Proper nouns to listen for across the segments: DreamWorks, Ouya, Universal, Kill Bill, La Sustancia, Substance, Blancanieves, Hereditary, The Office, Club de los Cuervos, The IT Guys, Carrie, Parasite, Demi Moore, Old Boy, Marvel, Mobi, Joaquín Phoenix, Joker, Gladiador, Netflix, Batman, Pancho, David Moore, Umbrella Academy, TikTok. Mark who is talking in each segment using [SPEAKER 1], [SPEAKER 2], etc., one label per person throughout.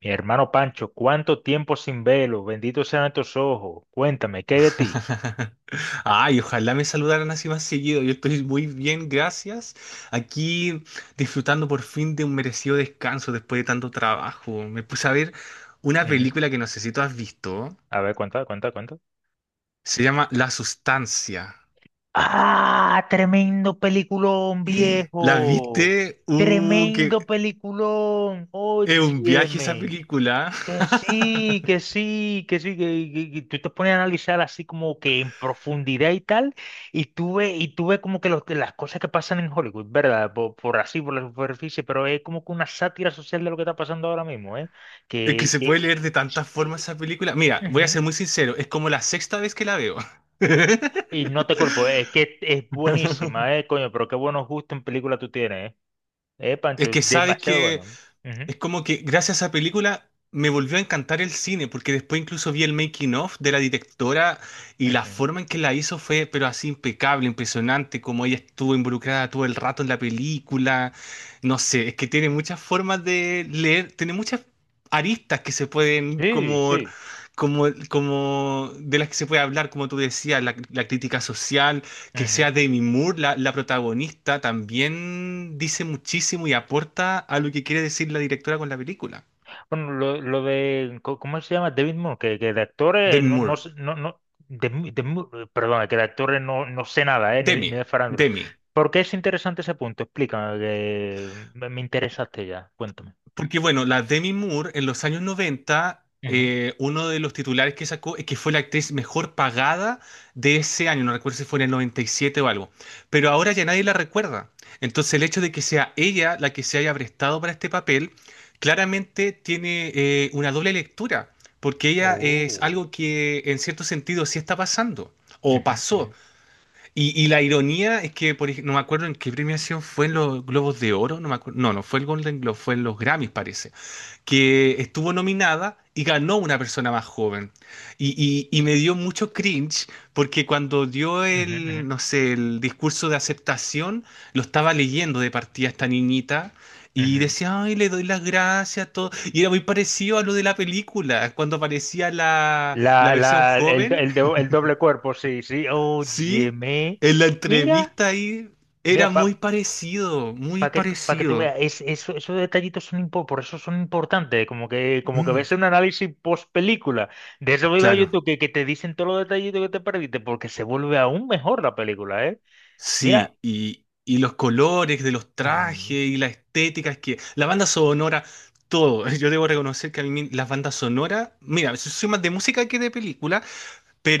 [SPEAKER 1] Mi hermano Pancho, ¿cuánto tiempo sin velo? Benditos sean tus ojos. Cuéntame, ¿qué hay de ti?
[SPEAKER 2] Ay, ojalá me saludaran así más seguido. Yo estoy muy bien, gracias. Aquí disfrutando por fin de un merecido descanso después de tanto trabajo. Me puse a ver una
[SPEAKER 1] Ujú.
[SPEAKER 2] película que no sé si tú has visto.
[SPEAKER 1] A ver, cuenta, cuenta, cuenta.
[SPEAKER 2] Se llama La Sustancia.
[SPEAKER 1] ¡Ah! Tremendo peliculón,
[SPEAKER 2] ¿La
[SPEAKER 1] viejo.
[SPEAKER 2] viste? Que
[SPEAKER 1] Tremendo peliculón.
[SPEAKER 2] es un viaje esa
[SPEAKER 1] Óyeme.
[SPEAKER 2] película.
[SPEAKER 1] Que sí, que sí, que sí, que tú te pones a analizar así como que en profundidad y tal, y tú ves como que las cosas que pasan en Hollywood, ¿verdad? Por así, por la superficie, pero es como que una sátira social de lo que está pasando ahora mismo, ¿eh?
[SPEAKER 2] Es que
[SPEAKER 1] Que,
[SPEAKER 2] se puede
[SPEAKER 1] que,
[SPEAKER 2] leer de tantas formas
[SPEAKER 1] eh,
[SPEAKER 2] esa película. Mira, voy a
[SPEAKER 1] Ujú.
[SPEAKER 2] ser muy sincero, es como la sexta vez que la veo.
[SPEAKER 1] Y no te culpo, es que es buenísima, ¿eh? Coño, pero qué buenos gustos en película tú tienes, ¿eh?
[SPEAKER 2] Es
[SPEAKER 1] Pancho,
[SPEAKER 2] que sabes
[SPEAKER 1] demasiado
[SPEAKER 2] que.
[SPEAKER 1] bueno. Ujú,
[SPEAKER 2] Es como que gracias a esa película me volvió a encantar el cine, porque después incluso vi el making of de la directora y la
[SPEAKER 1] ujú.
[SPEAKER 2] forma en que la hizo fue, pero así impecable, impresionante, como ella estuvo involucrada todo el rato en la película. No sé, es que tiene muchas formas de leer, tiene muchas aristas que se pueden
[SPEAKER 1] Sí,
[SPEAKER 2] como.
[SPEAKER 1] sí.
[SPEAKER 2] Como de las que se puede hablar, como tú decías, la crítica social, que
[SPEAKER 1] Ujú.
[SPEAKER 2] sea Demi Moore la protagonista también dice muchísimo y aporta a lo que quiere decir la directora con la película.
[SPEAKER 1] Bueno, lo de, ¿cómo se llama? David Moore, que de actores
[SPEAKER 2] Demi
[SPEAKER 1] no,
[SPEAKER 2] Moore.
[SPEAKER 1] perdona, que de actores no sé nada, ni
[SPEAKER 2] Demi.
[SPEAKER 1] de farándula.
[SPEAKER 2] Demi.
[SPEAKER 1] ¿Por qué es interesante ese punto? Explícame, que me interesaste ya, cuéntame.
[SPEAKER 2] Porque bueno, la Demi Moore en los años 90,
[SPEAKER 1] Ujú.
[SPEAKER 2] uno de los titulares que sacó es que fue la actriz mejor pagada de ese año, no recuerdo si fue en el 97 o algo, pero ahora ya nadie la recuerda. Entonces el hecho de que sea ella la que se haya prestado para este papel, claramente tiene una doble lectura, porque ella es
[SPEAKER 1] Oh.
[SPEAKER 2] algo que en cierto sentido sí está pasando, o
[SPEAKER 1] Ujú,
[SPEAKER 2] pasó.
[SPEAKER 1] ujú,
[SPEAKER 2] Y la ironía es que, no me acuerdo en qué premiación fue en los Globos de Oro, no me acuerdo, no, no fue el Golden Globe, fue en los Grammys, parece que estuvo nominada y ganó una persona más joven. Y me dio mucho cringe porque cuando dio el,
[SPEAKER 1] ujú,
[SPEAKER 2] no sé, el discurso de aceptación, lo estaba leyendo de partida esta niñita
[SPEAKER 1] ujú,
[SPEAKER 2] y
[SPEAKER 1] ujú.
[SPEAKER 2] decía, ay, le doy las gracias, todo. Y era muy parecido a lo de la película, cuando aparecía la
[SPEAKER 1] La,
[SPEAKER 2] versión
[SPEAKER 1] la,
[SPEAKER 2] joven,
[SPEAKER 1] el, do- el doble cuerpo, sí, sí,
[SPEAKER 2] sí,
[SPEAKER 1] óyeme,
[SPEAKER 2] en la
[SPEAKER 1] mira,
[SPEAKER 2] entrevista ahí, era
[SPEAKER 1] mira.
[SPEAKER 2] muy parecido, muy
[SPEAKER 1] Para que, Pa' que tú
[SPEAKER 2] parecido.
[SPEAKER 1] veas, esos detallitos por eso son importantes, como que
[SPEAKER 2] Mm,
[SPEAKER 1] ves un análisis post película de ese video de
[SPEAKER 2] claro.
[SPEAKER 1] YouTube que te dicen todos los detallitos que te perdiste, porque se vuelve aún mejor la película, ¿eh? Mira,
[SPEAKER 2] Sí, y los colores de los trajes
[SPEAKER 1] ujú,
[SPEAKER 2] y la estética, es que la banda sonora, todo. Yo debo reconocer que a mí las bandas sonoras, mira, soy más de música que de película,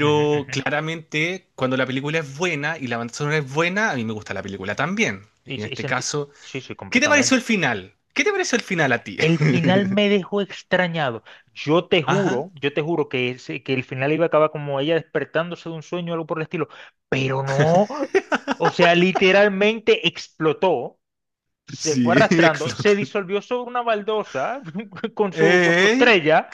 [SPEAKER 1] ujú, ujú.
[SPEAKER 2] claramente cuando la película es buena y la banda sonora es buena, a mí me gusta la película también.
[SPEAKER 1] Y,
[SPEAKER 2] En
[SPEAKER 1] se- y
[SPEAKER 2] este
[SPEAKER 1] sentí-
[SPEAKER 2] caso,
[SPEAKER 1] sí, sí,
[SPEAKER 2] ¿qué te pareció
[SPEAKER 1] completamente.
[SPEAKER 2] el final? ¿Qué te pareció el final a ti?
[SPEAKER 1] El final me dejó extrañado.
[SPEAKER 2] Ajá.
[SPEAKER 1] Yo te juro que el final iba a acabar como ella despertándose de un sueño o algo por el estilo, pero no. O sea, literalmente explotó. Se fue
[SPEAKER 2] Sí,
[SPEAKER 1] arrastrando,
[SPEAKER 2] explotó.
[SPEAKER 1] se disolvió sobre una baldosa con su
[SPEAKER 2] Eh,
[SPEAKER 1] estrella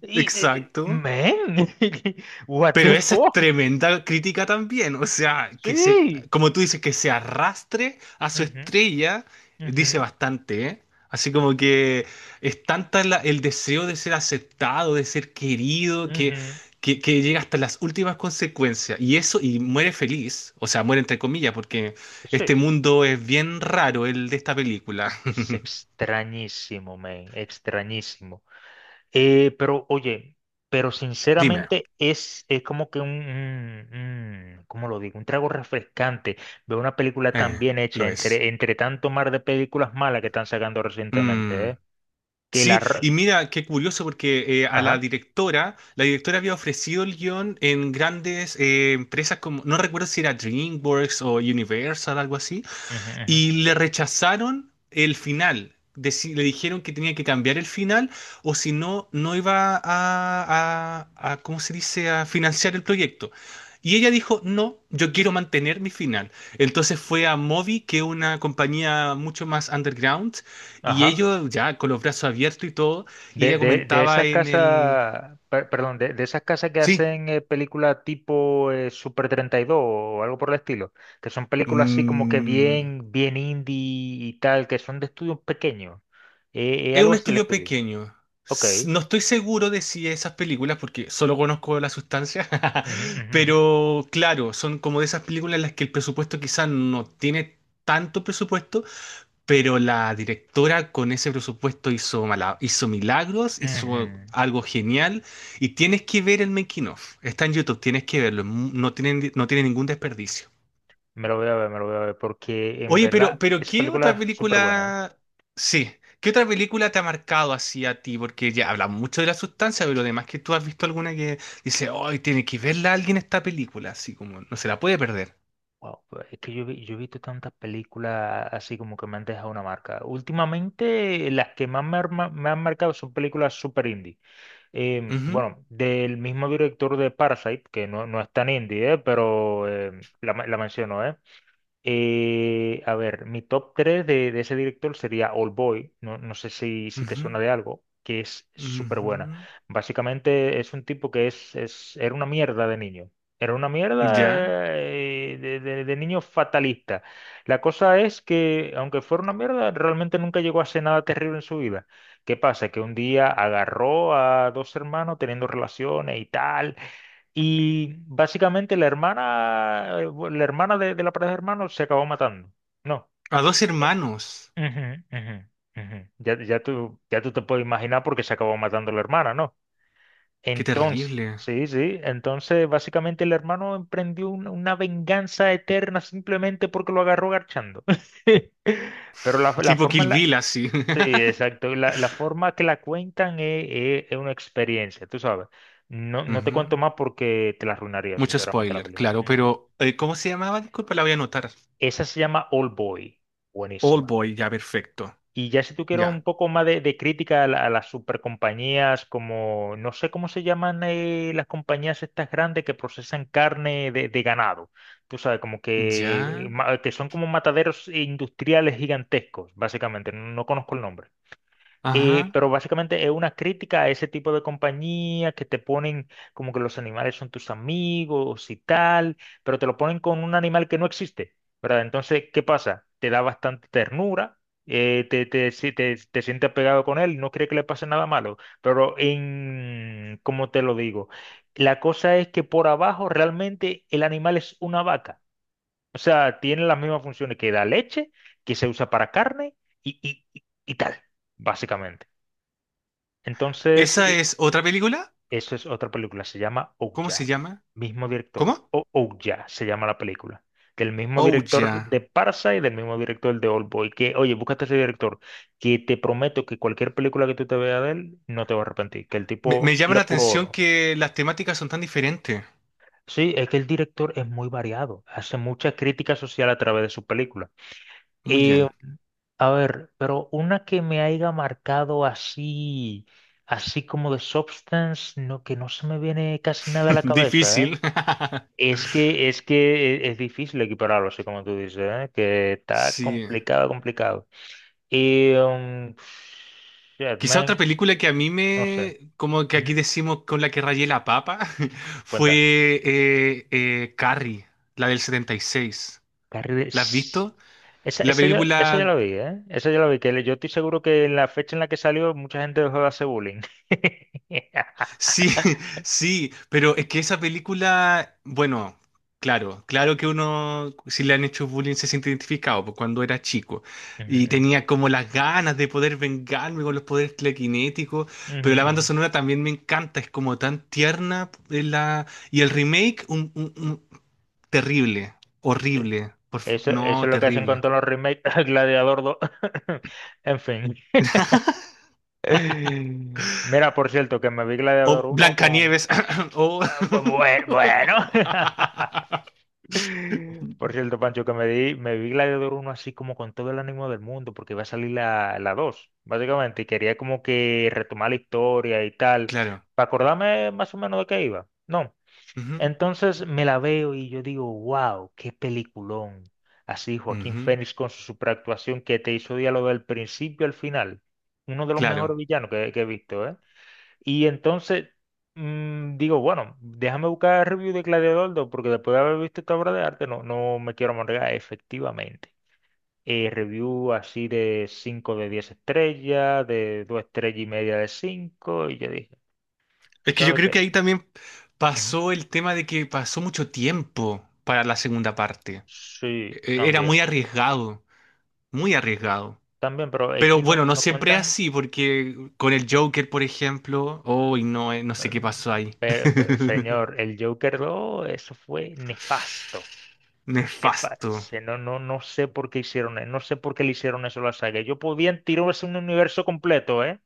[SPEAKER 2] exacto.
[SPEAKER 1] men, what
[SPEAKER 2] Pero
[SPEAKER 1] the
[SPEAKER 2] esa es
[SPEAKER 1] fuck.
[SPEAKER 2] tremenda crítica también, o sea, que se,
[SPEAKER 1] Sí,
[SPEAKER 2] como tú dices, que se arrastre a su
[SPEAKER 1] ujú,
[SPEAKER 2] estrella, dice
[SPEAKER 1] ujú,
[SPEAKER 2] bastante, ¿eh? Así como que es tanta el deseo de ser aceptado, de ser querido, que,
[SPEAKER 1] ujú.
[SPEAKER 2] llega hasta las últimas consecuencias. Y eso, y muere feliz, o sea, muere entre comillas, porque este
[SPEAKER 1] Sí,
[SPEAKER 2] mundo es bien raro, el de esta película.
[SPEAKER 1] es extrañísimo, men, extrañísimo. Pero oye, pero
[SPEAKER 2] Dime,
[SPEAKER 1] sinceramente es como que ¿cómo lo digo? Un trago refrescante ver una película tan
[SPEAKER 2] eh,
[SPEAKER 1] bien hecha
[SPEAKER 2] lo es.
[SPEAKER 1] entre tanto mar de películas malas que están sacando recientemente, ¿eh?
[SPEAKER 2] Mm.
[SPEAKER 1] que la,
[SPEAKER 2] Sí, y mira, qué curioso porque
[SPEAKER 1] Ajá,
[SPEAKER 2] la directora había ofrecido el guión en grandes empresas como, no recuerdo si era DreamWorks o Universal, algo así,
[SPEAKER 1] ujú, ujú,
[SPEAKER 2] y le rechazaron el final. Le dijeron que tenía que cambiar el final o si no, no iba a, ¿cómo se dice?, a financiar el proyecto. Y ella dijo, no, yo quiero mantener mi final. Entonces fue a Mobi, que es una compañía mucho más underground, y
[SPEAKER 1] ajá.
[SPEAKER 2] ellos ya con los brazos abiertos y todo, y
[SPEAKER 1] De,
[SPEAKER 2] ella
[SPEAKER 1] de, de
[SPEAKER 2] comentaba
[SPEAKER 1] esas
[SPEAKER 2] en el.
[SPEAKER 1] casas, perdón, de esas casas que
[SPEAKER 2] Sí.
[SPEAKER 1] hacen películas tipo Super 32 o algo por el estilo, que son películas así como que
[SPEAKER 2] Mm.
[SPEAKER 1] bien, bien indie y tal, que son de estudios pequeños. Eh, eh,
[SPEAKER 2] Es
[SPEAKER 1] algo
[SPEAKER 2] un
[SPEAKER 1] así el
[SPEAKER 2] estudio
[SPEAKER 1] estudio.
[SPEAKER 2] pequeño.
[SPEAKER 1] Ok.
[SPEAKER 2] No estoy seguro de si esas películas, porque solo conozco la sustancia,
[SPEAKER 1] Ujú, ujú, ujú,
[SPEAKER 2] pero claro, son como de esas películas en las que el presupuesto quizás no tiene tanto presupuesto, pero la directora con ese presupuesto hizo, hizo milagros, hizo
[SPEAKER 1] ujú.
[SPEAKER 2] algo genial, y tienes que ver el making of. Está en YouTube, tienes que verlo, no tiene ningún desperdicio.
[SPEAKER 1] Me lo voy a ver, me lo voy a ver, porque en
[SPEAKER 2] Oye, pero,
[SPEAKER 1] verdad
[SPEAKER 2] pero
[SPEAKER 1] esa
[SPEAKER 2] ¿qué
[SPEAKER 1] película
[SPEAKER 2] otra
[SPEAKER 1] es súper buena.
[SPEAKER 2] película? Sí, ¿qué otra película te ha marcado así a ti? Porque ya hablamos mucho de la sustancia, pero además que tú has visto alguna que dice, hoy tiene que verla alguien esta película, así como no se la puede perder.
[SPEAKER 1] Wow, pues es que yo he visto tantas películas así como que me han dejado una marca. Últimamente las que más me han marcado son películas super indie. Em,
[SPEAKER 2] Ujú,
[SPEAKER 1] bueno, del mismo director de Parasite, que no es tan indie, pero la menciono. A ver, mi top 3 de ese director sería Old Boy, no sé si te suena
[SPEAKER 2] ujú,
[SPEAKER 1] de algo, que es súper buena.
[SPEAKER 2] ujú.
[SPEAKER 1] Básicamente es un tipo que era una mierda de niño, era una mierda
[SPEAKER 2] Ya.
[SPEAKER 1] de niño fatalista. La cosa es que, aunque fuera una mierda, realmente nunca llegó a hacer nada terrible en su vida. ¿Qué pasa? Que un día agarró a dos hermanos teniendo relaciones y tal y básicamente la hermana de la pareja de hermanos se acabó matando. No.
[SPEAKER 2] A dos hermanos.
[SPEAKER 1] Ujú, ujú, ujú. Ya tú te puedes imaginar por qué se acabó matando la hermana, ¿no?
[SPEAKER 2] Qué
[SPEAKER 1] Entonces,
[SPEAKER 2] terrible.
[SPEAKER 1] sí, sí. Entonces, básicamente el hermano emprendió una venganza eterna simplemente porque lo agarró garchando. Pero la
[SPEAKER 2] Tipo
[SPEAKER 1] forma
[SPEAKER 2] Kill
[SPEAKER 1] en la.
[SPEAKER 2] Bill, así.
[SPEAKER 1] Sí, exacto. La forma que la cuentan es, es una experiencia, tú sabes. No, no te
[SPEAKER 2] Ujú.
[SPEAKER 1] cuento más porque te la arruinaría,
[SPEAKER 2] Mucho
[SPEAKER 1] sinceramente, la
[SPEAKER 2] spoiler,
[SPEAKER 1] película.
[SPEAKER 2] claro,
[SPEAKER 1] Ujú.
[SPEAKER 2] pero ¿cómo se llamaba? Disculpa, la voy a anotar.
[SPEAKER 1] Esa se llama Old Boy.
[SPEAKER 2] Old
[SPEAKER 1] Buenísima.
[SPEAKER 2] Boy, ya, perfecto.
[SPEAKER 1] Y ya si tú quieres un
[SPEAKER 2] Ya.
[SPEAKER 1] poco más de crítica a las supercompañías, como, no sé cómo se llaman las compañías estas grandes que procesan carne de ganado. Tú sabes, como que,
[SPEAKER 2] Ya.
[SPEAKER 1] que son como mataderos industriales gigantescos, básicamente. No conozco el nombre. Eh,
[SPEAKER 2] Ajá.
[SPEAKER 1] pero básicamente es una crítica a ese tipo de compañía que te ponen como que los animales son tus amigos y tal, pero te lo ponen con un animal que no existe, ¿verdad? Entonces, ¿qué pasa? Te da bastante ternura, te, te, si- te sientes apegado con él, no cree que le pase nada malo, pero ¿cómo te lo digo? La cosa es que por abajo realmente el animal es una vaca, o sea, tiene las mismas funciones que da leche, que se usa para carne y, y, y y tal, básicamente. Entonces,
[SPEAKER 2] ¿Esa es otra película?
[SPEAKER 1] eso es otra película, se llama
[SPEAKER 2] ¿Cómo se
[SPEAKER 1] Ouya,
[SPEAKER 2] llama?
[SPEAKER 1] mismo director,
[SPEAKER 2] ¿Cómo?
[SPEAKER 1] o Ouya se llama la película, del mismo
[SPEAKER 2] Oh,
[SPEAKER 1] director
[SPEAKER 2] ya.
[SPEAKER 1] de Parsa y del mismo director de Oldboy, oye, búscate ese director, que te prometo que cualquier película que tú te veas de él, no te vas a arrepentir, que el
[SPEAKER 2] Me
[SPEAKER 1] tipo
[SPEAKER 2] llama
[SPEAKER 1] tira
[SPEAKER 2] la
[SPEAKER 1] puro
[SPEAKER 2] atención
[SPEAKER 1] oro.
[SPEAKER 2] que las temáticas son tan diferentes.
[SPEAKER 1] Sí, es que el director es muy variado, hace mucha crítica social a través de su película.
[SPEAKER 2] Muy bien.
[SPEAKER 1] A ver, pero una que me haya marcado así, así como de Substance, no, que no se me viene casi nada a la cabeza, ¿eh?
[SPEAKER 2] Difícil.
[SPEAKER 1] Es difícil equipararlo, así como tú dices, ¿eh? Que está
[SPEAKER 2] Sí.
[SPEAKER 1] complicado, complicado. Y, um, shit,
[SPEAKER 2] Quizá otra
[SPEAKER 1] man,
[SPEAKER 2] película que a mí
[SPEAKER 1] no sé.
[SPEAKER 2] me, como que
[SPEAKER 1] Ujú.
[SPEAKER 2] aquí decimos con la que rayé la papa,
[SPEAKER 1] Cuenta.
[SPEAKER 2] fue Carrie, la del 76.
[SPEAKER 1] Carrie de-
[SPEAKER 2] ¿La has
[SPEAKER 1] s-
[SPEAKER 2] visto?
[SPEAKER 1] Esa,
[SPEAKER 2] La
[SPEAKER 1] esa, ya, esa ya
[SPEAKER 2] película.
[SPEAKER 1] la vi, ¿eh? Esa ya la vi, yo estoy seguro que en la fecha en la que salió mucha gente dejó de hacer bullying.
[SPEAKER 2] Sí, sí, pero es que esa película, bueno, claro, claro que uno, si le han hecho bullying, se siente identificado, pues cuando era chico y
[SPEAKER 1] Ujú,
[SPEAKER 2] tenía como las ganas de poder vengarme con los poderes telequinéticos,
[SPEAKER 1] ujú,
[SPEAKER 2] pero la banda
[SPEAKER 1] ujú.
[SPEAKER 2] sonora también me encanta, es como tan tierna la, y el remake, terrible,
[SPEAKER 1] Sí.
[SPEAKER 2] horrible,
[SPEAKER 1] Eso
[SPEAKER 2] no,
[SPEAKER 1] es lo que hacen con
[SPEAKER 2] terrible.
[SPEAKER 1] todos los remakes, Gladiador 2. En fin. Mira, por cierto, que me vi Gladiador
[SPEAKER 2] O
[SPEAKER 1] uno con...
[SPEAKER 2] Blancanieves, o.
[SPEAKER 1] Bueno. Por cierto, Pancho, que me vi Gladiador uno así como con todo el ánimo del mundo, porque iba a salir la 2, básicamente, y quería como que retomar la historia y tal,
[SPEAKER 2] Claro.
[SPEAKER 1] para acordarme más o menos de qué iba. No.
[SPEAKER 2] Ujú,
[SPEAKER 1] Entonces me la veo y yo digo, wow, qué peliculón. Así, Joaquín
[SPEAKER 2] ujú.
[SPEAKER 1] Phoenix con su superactuación que te hizo diálogo del principio al final. Uno de los mejores
[SPEAKER 2] Claro.
[SPEAKER 1] villanos que he visto, ¿eh? Y entonces digo, bueno, déjame buscar review de Gladiador 2 porque después de haber visto esta obra de arte no, no me quiero amargar, efectivamente. Review así de 5 de 10 estrellas, de 2 estrellas y media de 5 y yo dije, ¿tú
[SPEAKER 2] Es que yo
[SPEAKER 1] sabes
[SPEAKER 2] creo que
[SPEAKER 1] qué?
[SPEAKER 2] ahí también
[SPEAKER 1] Ujú.
[SPEAKER 2] pasó el tema de que pasó mucho tiempo para la segunda parte.
[SPEAKER 1] Sí,
[SPEAKER 2] Era
[SPEAKER 1] también.
[SPEAKER 2] muy arriesgado, muy arriesgado.
[SPEAKER 1] También, pero es
[SPEAKER 2] Pero
[SPEAKER 1] que no,
[SPEAKER 2] bueno, no
[SPEAKER 1] no
[SPEAKER 2] siempre es
[SPEAKER 1] cuentan.
[SPEAKER 2] así, porque con el Joker, por ejemplo, hoy no, no sé qué
[SPEAKER 1] em,
[SPEAKER 2] pasó ahí.
[SPEAKER 1] señor, el Joker 2 eso fue nefasto.
[SPEAKER 2] Nefasto.
[SPEAKER 1] Nefasto. No, no, no sé por qué hicieron eso. No sé por qué le hicieron eso a la saga. Ellos podían tirarse un universo completo, ¿eh?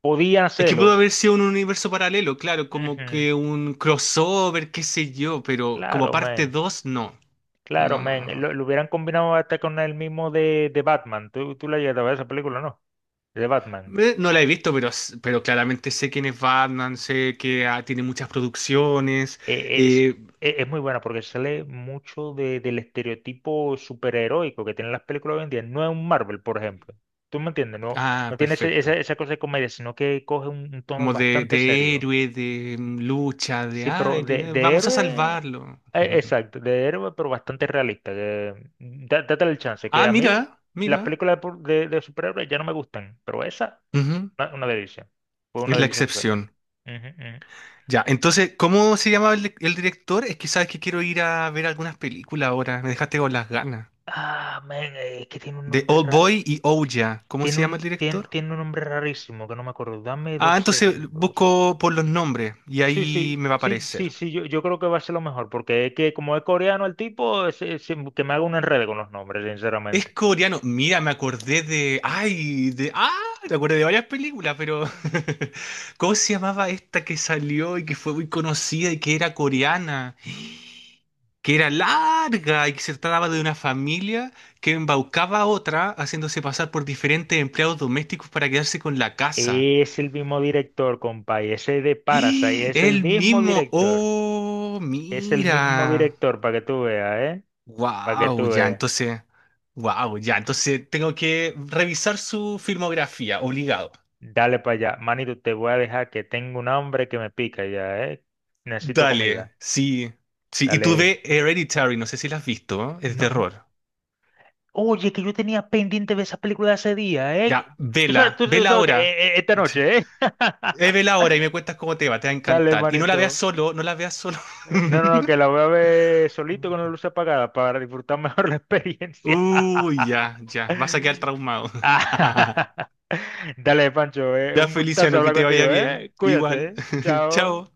[SPEAKER 1] Podían
[SPEAKER 2] Es que pudo
[SPEAKER 1] hacerlo.
[SPEAKER 2] haber sido un universo paralelo, claro, como
[SPEAKER 1] Ujú.
[SPEAKER 2] que un crossover, qué sé yo, pero como
[SPEAKER 1] Claro,
[SPEAKER 2] parte
[SPEAKER 1] man.
[SPEAKER 2] 2, no.
[SPEAKER 1] Claro,
[SPEAKER 2] No, no, no,
[SPEAKER 1] man.
[SPEAKER 2] no,
[SPEAKER 1] Lo,
[SPEAKER 2] no.
[SPEAKER 1] lo hubieran combinado hasta con el mismo de Batman. Tú la llegaste a ver esa película, ¿no? De Batman.
[SPEAKER 2] No la he visto, pero claramente sé quién es Batman, sé que tiene muchas producciones.
[SPEAKER 1] eh, es,
[SPEAKER 2] eh,
[SPEAKER 1] es muy buena porque sale mucho del estereotipo superheroico que tienen las películas hoy en día. No es un Marvel, por ejemplo. ¿Tú me entiendes? No,
[SPEAKER 2] ah,
[SPEAKER 1] no tiene ese- esa,
[SPEAKER 2] perfecto.
[SPEAKER 1] esa cosa de comedia, sino que coge un tono
[SPEAKER 2] Como de,
[SPEAKER 1] bastante
[SPEAKER 2] de
[SPEAKER 1] serio.
[SPEAKER 2] héroe, de lucha, de
[SPEAKER 1] Sí, pero de,
[SPEAKER 2] aire.
[SPEAKER 1] de
[SPEAKER 2] Vamos a
[SPEAKER 1] héroe,
[SPEAKER 2] salvarlo.
[SPEAKER 1] exacto, de héroe, pero bastante realista. Date el chance, que
[SPEAKER 2] Ah,
[SPEAKER 1] a mí
[SPEAKER 2] mira,
[SPEAKER 1] las
[SPEAKER 2] mira.
[SPEAKER 1] películas de superhéroes ya no me gustan, pero esa,
[SPEAKER 2] Ujú.
[SPEAKER 1] una delicia. Fue una
[SPEAKER 2] Es la
[SPEAKER 1] delicia. Ujú,
[SPEAKER 2] excepción.
[SPEAKER 1] ujú.
[SPEAKER 2] Ya, entonces, ¿cómo se llama el director? Es que sabes que quiero ir a ver algunas películas ahora. Me dejaste con las ganas.
[SPEAKER 1] Ah, men, es que tiene un
[SPEAKER 2] De
[SPEAKER 1] nombre.
[SPEAKER 2] Old Boy y Ouya. ¿Cómo
[SPEAKER 1] Tiene
[SPEAKER 2] se llama el
[SPEAKER 1] un, tiene,
[SPEAKER 2] director?
[SPEAKER 1] tiene un nombre rarísimo que no me acuerdo. Dame
[SPEAKER 2] Ah,
[SPEAKER 1] dos
[SPEAKER 2] entonces
[SPEAKER 1] segundos.
[SPEAKER 2] busco por los nombres y
[SPEAKER 1] Sí,
[SPEAKER 2] ahí
[SPEAKER 1] sí,
[SPEAKER 2] me va a
[SPEAKER 1] sí, sí,
[SPEAKER 2] aparecer.
[SPEAKER 1] sí, yo creo que va a ser lo mejor, porque es que como es coreano el tipo, que me haga un enredo con los nombres,
[SPEAKER 2] Es
[SPEAKER 1] sinceramente.
[SPEAKER 2] coreano. Mira, me acordé de. Ay, de. Ah, me acordé de varias películas, pero. ¿Cómo se llamaba esta que salió y que fue muy conocida y que era coreana? Que era larga y que se trataba de una familia que embaucaba a otra haciéndose pasar por diferentes empleados domésticos para quedarse con la casa.
[SPEAKER 1] Es el mismo director, compa, y ese de Parasite, es el
[SPEAKER 2] El
[SPEAKER 1] mismo
[SPEAKER 2] mismo.
[SPEAKER 1] director.
[SPEAKER 2] Oh,
[SPEAKER 1] Es el mismo
[SPEAKER 2] mira.
[SPEAKER 1] director, para que tú veas, ¿eh? Para que
[SPEAKER 2] Wow,
[SPEAKER 1] tú
[SPEAKER 2] ya
[SPEAKER 1] veas.
[SPEAKER 2] entonces, wow, ya entonces tengo que revisar su filmografía, obligado.
[SPEAKER 1] Dale para allá. Manito, te voy a dejar que tengo un hambre que me pica ya, ¿eh? Necesito comida.
[SPEAKER 2] Dale, sí, sí. Y tú
[SPEAKER 1] Dale.
[SPEAKER 2] ve Hereditary, no sé si la has visto, ¿no? Es de
[SPEAKER 1] No,
[SPEAKER 2] terror.
[SPEAKER 1] oye, que yo tenía pendiente de esa película de hace día, ¿eh?
[SPEAKER 2] Ya,
[SPEAKER 1] Tú sabes,
[SPEAKER 2] vela,
[SPEAKER 1] tú
[SPEAKER 2] vela
[SPEAKER 1] sabes que
[SPEAKER 2] ahora.
[SPEAKER 1] esta
[SPEAKER 2] Sí.
[SPEAKER 1] noche, ¿eh?
[SPEAKER 2] Vela ahora y me cuentas cómo te va a
[SPEAKER 1] Dale,
[SPEAKER 2] encantar. Y no la veas
[SPEAKER 1] manito.
[SPEAKER 2] solo, no la veas solo.
[SPEAKER 1] No, no, no, que la voy a ver solito con la luz apagada para disfrutar mejor la experiencia.
[SPEAKER 2] Uy, ya, ya, vas a quedar traumado.
[SPEAKER 1] Dale, Pancho,
[SPEAKER 2] Ya,
[SPEAKER 1] un gustazo
[SPEAKER 2] Feliciano, que
[SPEAKER 1] hablar
[SPEAKER 2] te vaya
[SPEAKER 1] contigo,
[SPEAKER 2] bien.
[SPEAKER 1] ¿eh? Cuídate,
[SPEAKER 2] Igual,
[SPEAKER 1] ¿eh? Chao.
[SPEAKER 2] chao.